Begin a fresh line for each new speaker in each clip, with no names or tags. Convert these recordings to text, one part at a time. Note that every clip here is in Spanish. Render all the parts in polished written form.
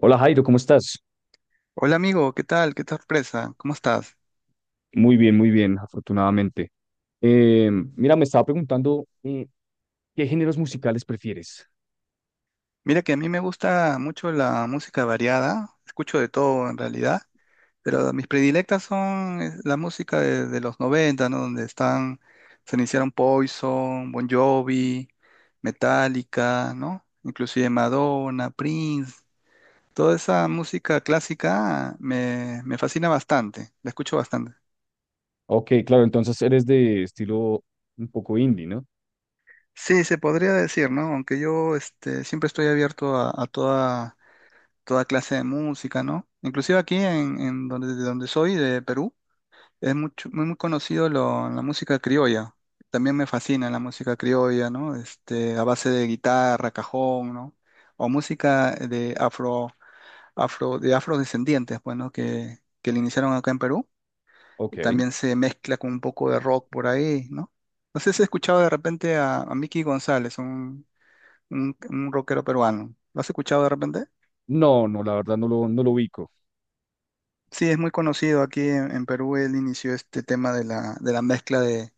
Hola Jairo, ¿cómo estás?
Hola amigo, ¿qué tal? Qué sorpresa, ¿cómo estás?
Muy bien, afortunadamente. Eh, Mira, me estaba preguntando qué géneros musicales prefieres.
Mira que a mí me gusta mucho la música variada, escucho de todo en realidad, pero mis predilectas son la música de los 90, ¿no? Donde están, se iniciaron Poison, Bon Jovi, Metallica, ¿no? Inclusive Madonna, Prince, toda esa música clásica me fascina bastante, la escucho bastante.
Ok, claro, entonces eres de estilo un poco indie, ¿no?
Sí, se podría decir, ¿no? Aunque yo siempre estoy abierto a toda clase de música, ¿no? Inclusive aquí en de donde soy, de Perú, es muy conocido la música criolla. También me fascina la música criolla, ¿no? A base de guitarra, cajón, ¿no? O música de afrodescendientes, pues, ¿no? Que le iniciaron acá en Perú.
Ok.
También se mezcla con un poco de rock por ahí, ¿no? No sé si has escuchado de repente a Mickey González, un rockero peruano. ¿Lo has escuchado de repente?
No, no, la verdad no lo ubico.
Sí, es muy conocido aquí en Perú. Él inició este tema de la mezcla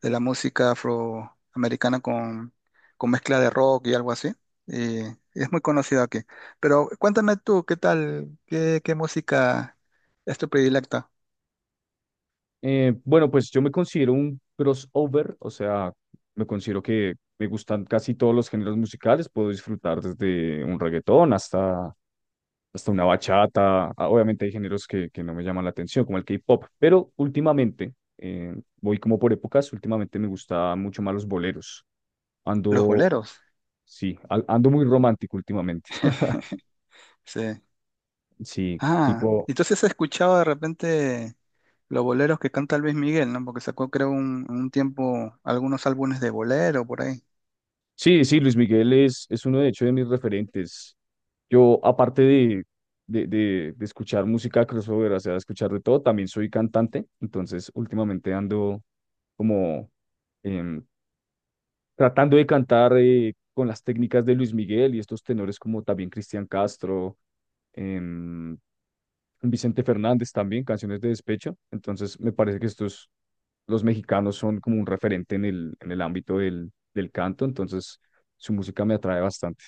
de la música afroamericana con mezcla de rock y algo así. Y es muy conocido aquí. Pero cuéntame tú, ¿qué tal? Qué música es tu predilecta?
Bueno, pues yo me considero un crossover, o sea, me considero que me gustan casi todos los géneros musicales, puedo disfrutar desde un reggaetón hasta hasta una bachata. Ah, obviamente hay géneros que no me llaman la atención, como el K-pop, pero últimamente, voy como por épocas, últimamente me gusta mucho más los boleros.
Los
Ando,
boleros.
sí, ando muy romántico últimamente.
Sí.
Sí,
Ah,
tipo,
entonces he escuchado de repente los boleros que canta Luis Miguel, ¿no? Porque sacó, creo, un tiempo algunos álbumes de bolero por ahí.
sí, sí, Luis Miguel es uno de hecho de mis referentes. Yo, de escuchar música crossover, o sea, escuchar de todo, también soy cantante, entonces últimamente ando como em, tratando de cantar con las técnicas de Luis Miguel y estos tenores como también Cristian Castro, em, Vicente Fernández también, canciones de despecho. Entonces me parece que estos, los mexicanos son como un referente en el ámbito del canto, entonces su música me atrae bastante.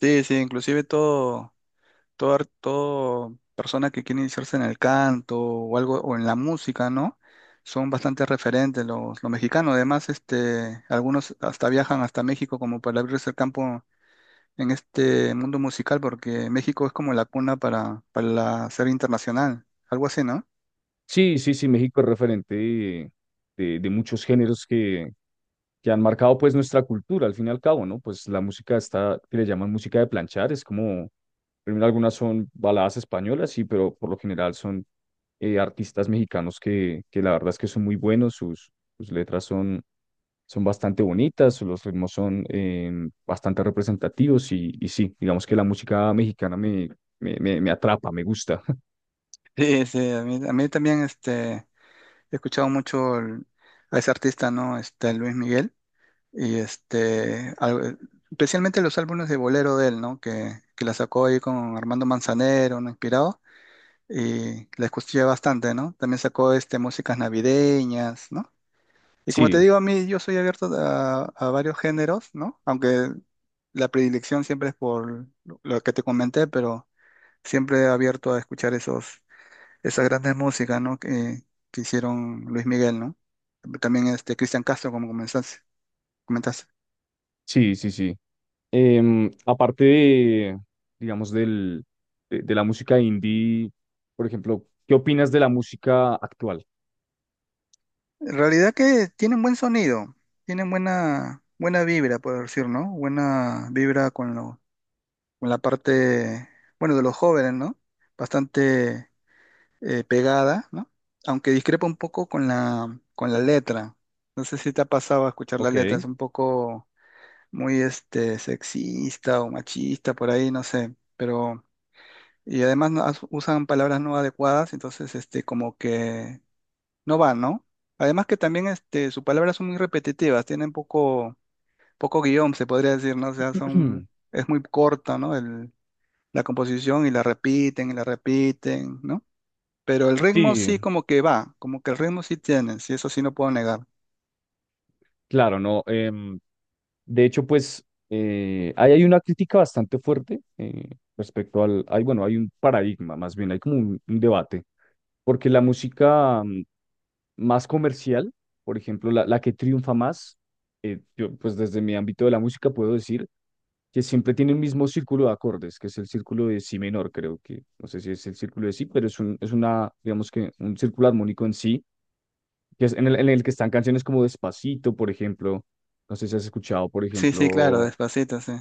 Sí, sí, inclusive todo. Toda persona que quiere iniciarse en el canto o algo, o en la música, ¿no? Son bastante referentes los mexicanos. Además, algunos hasta viajan hasta México como para abrirse el campo en este mundo musical, porque México es como la cuna para la ser internacional, algo así, ¿no?
Sí, sí, sí, México es referente de, de muchos géneros que han marcado pues nuestra cultura al fin y al cabo, ¿no? Pues la música está, que le llaman música de planchar, es como, primero algunas son baladas españolas, sí, pero por lo general son artistas mexicanos que la verdad es que son muy buenos, sus, sus letras son, son bastante bonitas, los ritmos son bastante representativos y sí, digamos que la música mexicana me, me atrapa, me gusta.
Sí, sí, a mí también he escuchado mucho a ese artista, ¿no? Luis Miguel. Y especialmente los álbumes de bolero de él, ¿no? Que la sacó ahí con Armando Manzanero, ¿no? Inspirado. Y la escuché bastante, ¿no? También sacó músicas navideñas, ¿no? Y como te
Sí,
digo, a mí yo soy abierto a varios géneros, ¿no? Aunque la predilección siempre es por lo que te comenté, pero siempre abierto a escuchar esas grandes músicas, ¿no? Que hicieron Luis Miguel, ¿no? También Cristian Castro, como comentaste.
sí, sí, sí. Aparte de, digamos, del, de la música indie, por ejemplo, ¿qué opinas de la música actual?
En realidad que tienen buen sonido, tienen buena vibra, puedo decir, ¿no? Buena vibra con la parte, bueno, de los jóvenes, ¿no? Bastante pegada, ¿no? Aunque discrepa un poco con la letra. No sé si te ha pasado a escuchar la
Ok.
letra, es un poco muy sexista o machista, por ahí, no sé, pero... Y además usan palabras no adecuadas, entonces como que no va, ¿no? Además que también sus palabras son muy repetitivas, tienen poco guión, se podría decir, ¿no? O sea, es muy corta, ¿no? La composición y la repiten, ¿no? Pero el ritmo
Sí,
sí como que va, como que el ritmo sí tiene, sí, eso sí no puedo negar.
claro, no. De hecho, pues, ahí hay una crítica bastante fuerte respecto al, hay, bueno, hay un paradigma, más bien, hay como un debate, porque la música más comercial, por ejemplo, la que triunfa más, yo, pues desde mi ámbito de la música puedo decir que siempre tiene el mismo círculo de acordes, que es el círculo de si menor, creo que, no sé si es el círculo de si, pero es un, es una, digamos que un círculo armónico en sí, que es en el que están canciones como Despacito, por ejemplo, no sé si has escuchado, por
Sí, sí, claro,
ejemplo,
despacito, sí.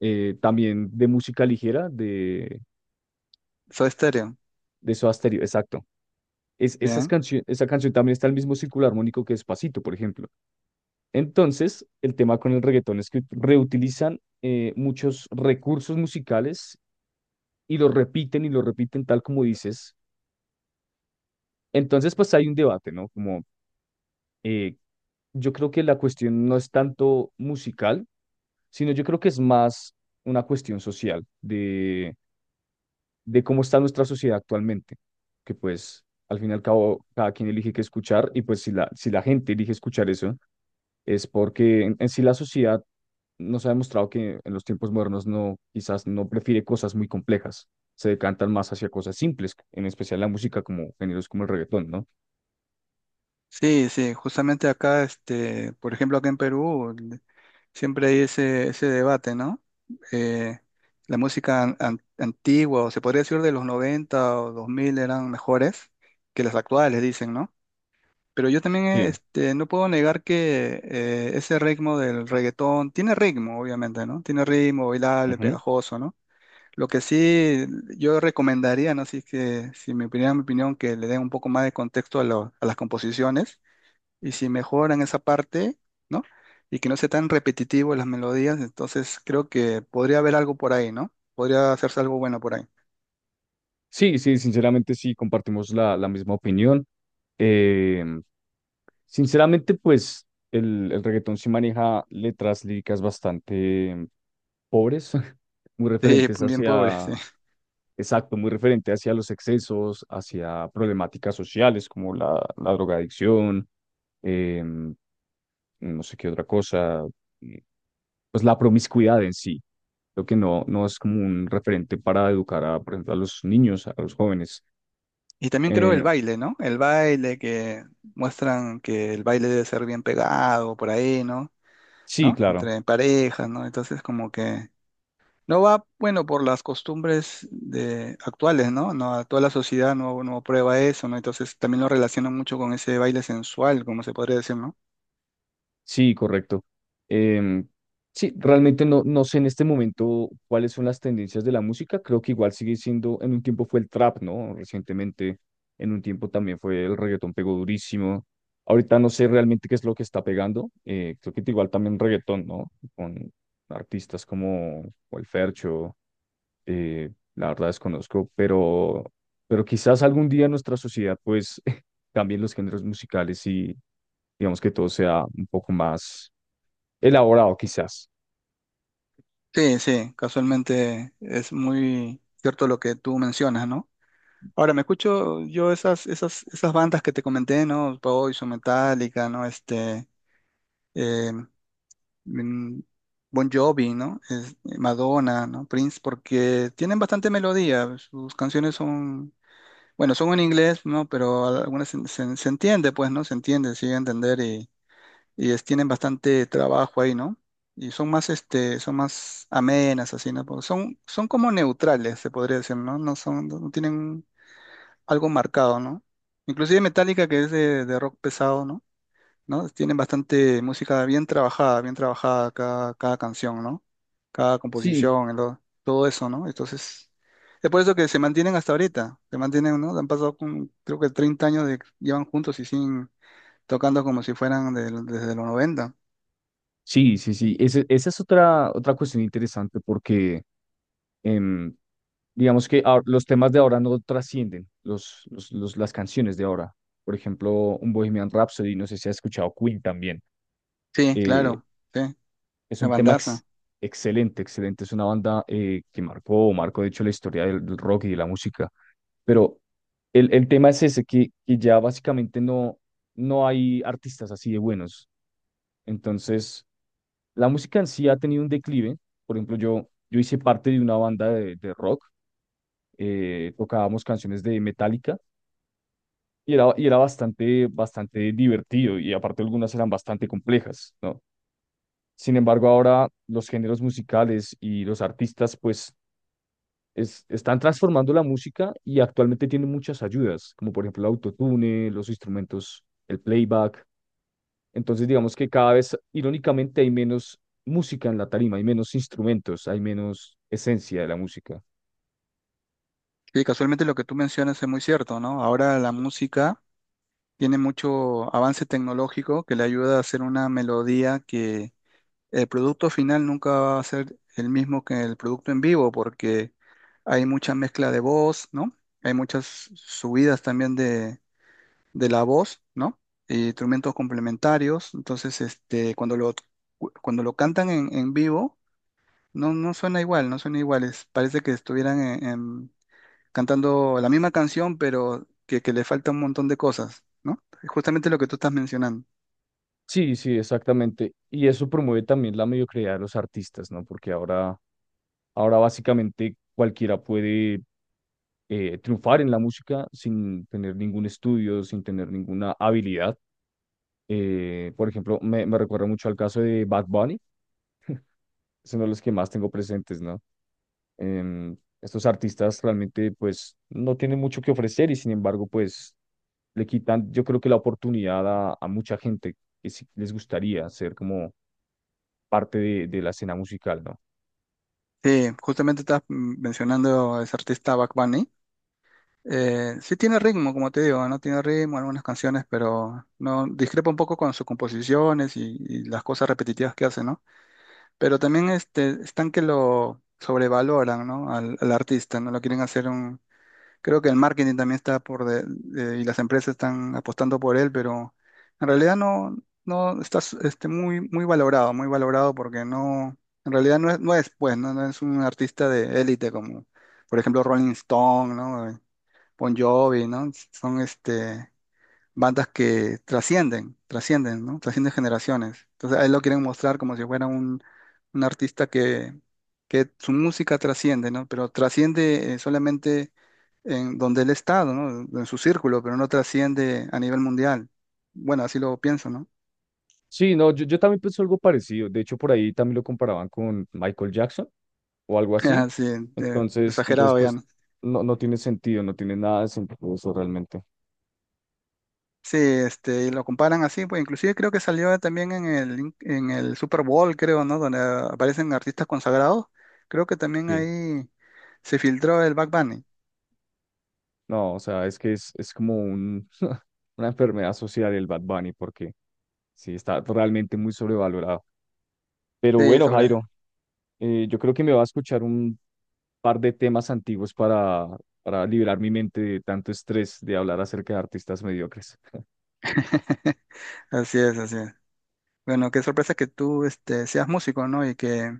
también de música ligera,
Soy estéreo,
de Soda Stereo, exacto. Es,
bien.
esa canción también está en el mismo círculo armónico que Despacito, por ejemplo. Entonces, el tema con el reggaetón es que reutilizan muchos recursos musicales y lo repiten tal como dices. Entonces, pues hay un debate, ¿no? Como eh, yo creo que la cuestión no es tanto musical, sino yo creo que es más una cuestión social de cómo está nuestra sociedad actualmente, que pues al fin y al cabo cada quien elige qué escuchar y pues si la, si la gente elige escuchar eso, es porque en sí la sociedad nos ha demostrado que en los tiempos modernos no, quizás no prefiere cosas muy complejas, se decantan más hacia cosas simples, en especial la música como géneros como el reggaetón, ¿no?
Sí, sí, justamente acá, por ejemplo, acá en Perú. Siempre hay ese debate, ¿no? Eh, la música antigua, o se podría decir de los 90 o 2000 eran mejores que las actuales, dicen, ¿no? Pero yo también
Sí,
no puedo negar que ese ritmo del reggaetón tiene ritmo, obviamente, ¿no? Tiene ritmo, bailable,
ujú.
pegajoso, ¿no? Lo que sí yo recomendaría, ¿no? Si es que, si me opinión, mi opinión, que le den un poco más de contexto a las composiciones y si mejoran esa parte, ¿no? Y que no sea tan repetitivo las melodías, entonces creo que podría haber algo por ahí, ¿no? Podría hacerse algo bueno por ahí.
Sí, sí, sinceramente sí, compartimos la, la misma opinión. Eh, Sinceramente, pues el reggaetón sí maneja letras líricas bastante pobres, muy
Sí,
referentes
bien pobre,
hacia,
sí.
exacto, muy referente hacia los excesos, hacia problemáticas sociales como la drogadicción, em, no sé qué otra cosa, eh, pues la promiscuidad en sí. Creo que no, no es como un referente para educar a, por ejemplo, a los niños, a los jóvenes.
Y también creo el
Eh,
baile, ¿no? El baile que muestran que el baile debe ser bien pegado por ahí, ¿no?
sí,
¿No?
claro.
Entre parejas, ¿no? Entonces como que no va, bueno, por las costumbres de actuales, ¿no? No, toda la sociedad no, no prueba eso, ¿no? Entonces también lo relacionan mucho con ese baile sensual, como se podría decir, ¿no?
Sí, correcto. Em, sí, realmente no, no sé en este momento cuáles son las tendencias de la música. Creo que igual sigue siendo, en un tiempo fue el trap, ¿no? Recientemente, en un tiempo también fue el reggaetón pegó durísimo. Ahorita no sé realmente qué es lo que está pegando. Creo que igual también reggaetón, ¿no? Con artistas como, como el Fercho, la verdad desconozco, pero quizás algún día en nuestra sociedad pues cambien los géneros musicales y digamos que todo sea un poco más elaborado quizás.
Sí, sí, casualmente es muy cierto lo que tú mencionas, ¿no? Ahora, me escucho yo esas bandas que te comenté, ¿no? Poison, Metallica, ¿no? Eh, mm, Bon Jovi, ¿no? Madonna, ¿no? Prince, porque tienen bastante melodía, sus canciones bueno, son en inglés, ¿no? Pero algunas se entiende, pues, ¿no? Se entiende, sigue a entender y tienen bastante trabajo ahí, ¿no? Y son más amenas, así, ¿no? Porque son como neutrales, se podría decir, ¿no? No tienen algo marcado, ¿no? Inclusive Metallica, que es de rock pesado, ¿no? ¿No? Tienen bastante música bien trabajada cada canción, ¿no? Cada
Sí,
composición, todo eso, ¿no? Entonces, es por eso que se mantienen hasta ahorita, se mantienen, ¿no? Han pasado, creo que 30 años de, llevan juntos y sin tocando como si fueran desde los 90.
sí, sí, sí. Esa es otra, otra cuestión interesante porque em, digamos que los temas de ahora no trascienden los, las canciones de ahora. Por ejemplo, un Bohemian Rhapsody, no sé si has escuchado Queen también.
Sí,
eh,
claro, sí,
Es
una
un tema
bandaza.
excelente, excelente. Es una banda que marcó, marcó de hecho la historia del, del rock y de la música. Pero el tema es ese, que ya básicamente no, no hay artistas así de buenos. Entonces, la música en sí ha tenido un declive. Por ejemplo, yo hice parte de una banda de rock. Tocábamos canciones de Metallica y era bastante, bastante divertido y aparte algunas eran bastante complejas, ¿no? Sin embargo, ahora los géneros musicales y los artistas, pues están transformando la música y actualmente tienen muchas ayudas, como por ejemplo el autotune, los instrumentos, el playback. Entonces, digamos que cada vez, irónicamente, hay menos música en la tarima, hay menos instrumentos, hay menos esencia de la música.
Sí, casualmente lo que tú mencionas es muy cierto, ¿no? Ahora la música tiene mucho avance tecnológico que le ayuda a hacer una melodía que el producto final nunca va a ser el mismo que el producto en vivo, porque hay mucha mezcla de voz, ¿no? Hay muchas subidas también de la voz, ¿no? Y instrumentos complementarios. Entonces, cuando cuando lo cantan en vivo, no, no suena igual, no suena igual. Es- parece que estuvieran cantando la misma canción, pero que le falta un montón de cosas, ¿no? Justamente lo que tú estás mencionando.
Sí, sí, exactamente. Y eso promueve también la mediocridad de los artistas, ¿no? Porque ahora, ahora básicamente cualquiera puede triunfar en la música sin tener ningún estudio, sin tener ninguna habilidad. Por ejemplo, me recuerda mucho al caso de Bad Bunny, son de los que más tengo presentes, ¿no? Estos artistas realmente, pues, no tienen mucho que ofrecer y sin embargo, pues, le quitan, yo creo que la oportunidad a mucha gente que sí les gustaría ser como parte de la escena musical, ¿no?
Sí, justamente estás mencionando a ese artista Bugs Bunny. Sí tiene ritmo, como te digo, no tiene ritmo algunas canciones, pero no discrepa un poco con sus composiciones y las cosas repetitivas que hace, ¿no? Pero también están que lo sobrevaloran, ¿no? Al artista, ¿no? Lo quieren hacer un... Creo que el marketing también está por y las empresas están apostando por él, pero en realidad no, no está muy valorado porque no, en realidad no es, no es pues, no, no es un artista de élite como, por ejemplo, Rolling Stone, ¿no? Bon Jovi, ¿no? Son bandas que trascienden, trascienden, ¿no? Trascienden generaciones. Entonces a él lo quieren mostrar como si fuera un artista que su música trasciende, ¿no? Pero trasciende solamente en donde él ha estado, ¿no? En su círculo, pero no trasciende a nivel mundial. Bueno, así lo pienso, ¿no?
Sí, no, yo también pienso algo parecido. De hecho, por ahí también lo comparaban con Michael Jackson o algo así.
Sí,
Entonces, entonces
exagerado ya,
pues,
¿no?
no, no tiene sentido, no tiene nada de sentido eso realmente.
Sí, y lo comparan así, pues inclusive creo que salió también en en el Super Bowl, creo, ¿no? Donde aparecen artistas consagrados. Creo que también
Sí.
ahí se filtró el Back Bunny.
No, o sea, es que es como un, una enfermedad social el Bad Bunny, porque sí, está realmente muy sobrevalorado. Pero
Sí,
bueno,
sobre.
Jairo, yo creo que me va a escuchar un par de temas antiguos para liberar mi mente de tanto estrés de hablar acerca de artistas mediocres.
Así es, así es. Bueno, qué sorpresa que tú seas músico, ¿no?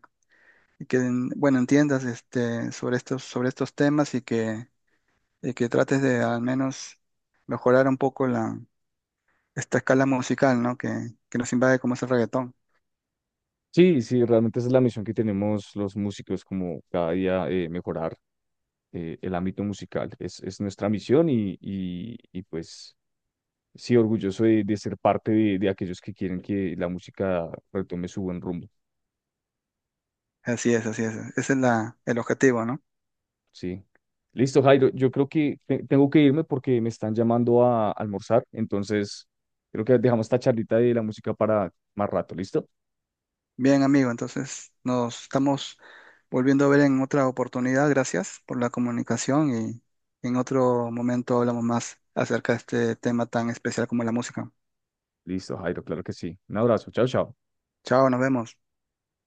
Y que, bueno, entiendas sobre sobre estos temas y que trates de al menos mejorar un poco esta escala musical, ¿no? Que nos invade como es el reggaetón.
Sí, sí, realmente esa es la misión que tenemos los músicos, como cada día mejorar el ámbito musical. Es nuestra misión y pues sí, orgulloso de ser parte de aquellos que quieren que la música retome su buen rumbo,
Así es, así es. Ese es el objetivo, ¿no?
sí. Listo, Jairo, yo creo que tengo que irme porque me están llamando a almorzar, entonces creo que dejamos esta charlita de la música para más rato, ¿listo?
Bien, amigo, entonces nos estamos volviendo a ver en otra oportunidad. Gracias por la comunicación y en otro momento hablamos más acerca de este tema tan especial como la música.
Listo, Jairo, claro que sí. Un abrazo, chao, chao.
Chao, nos vemos.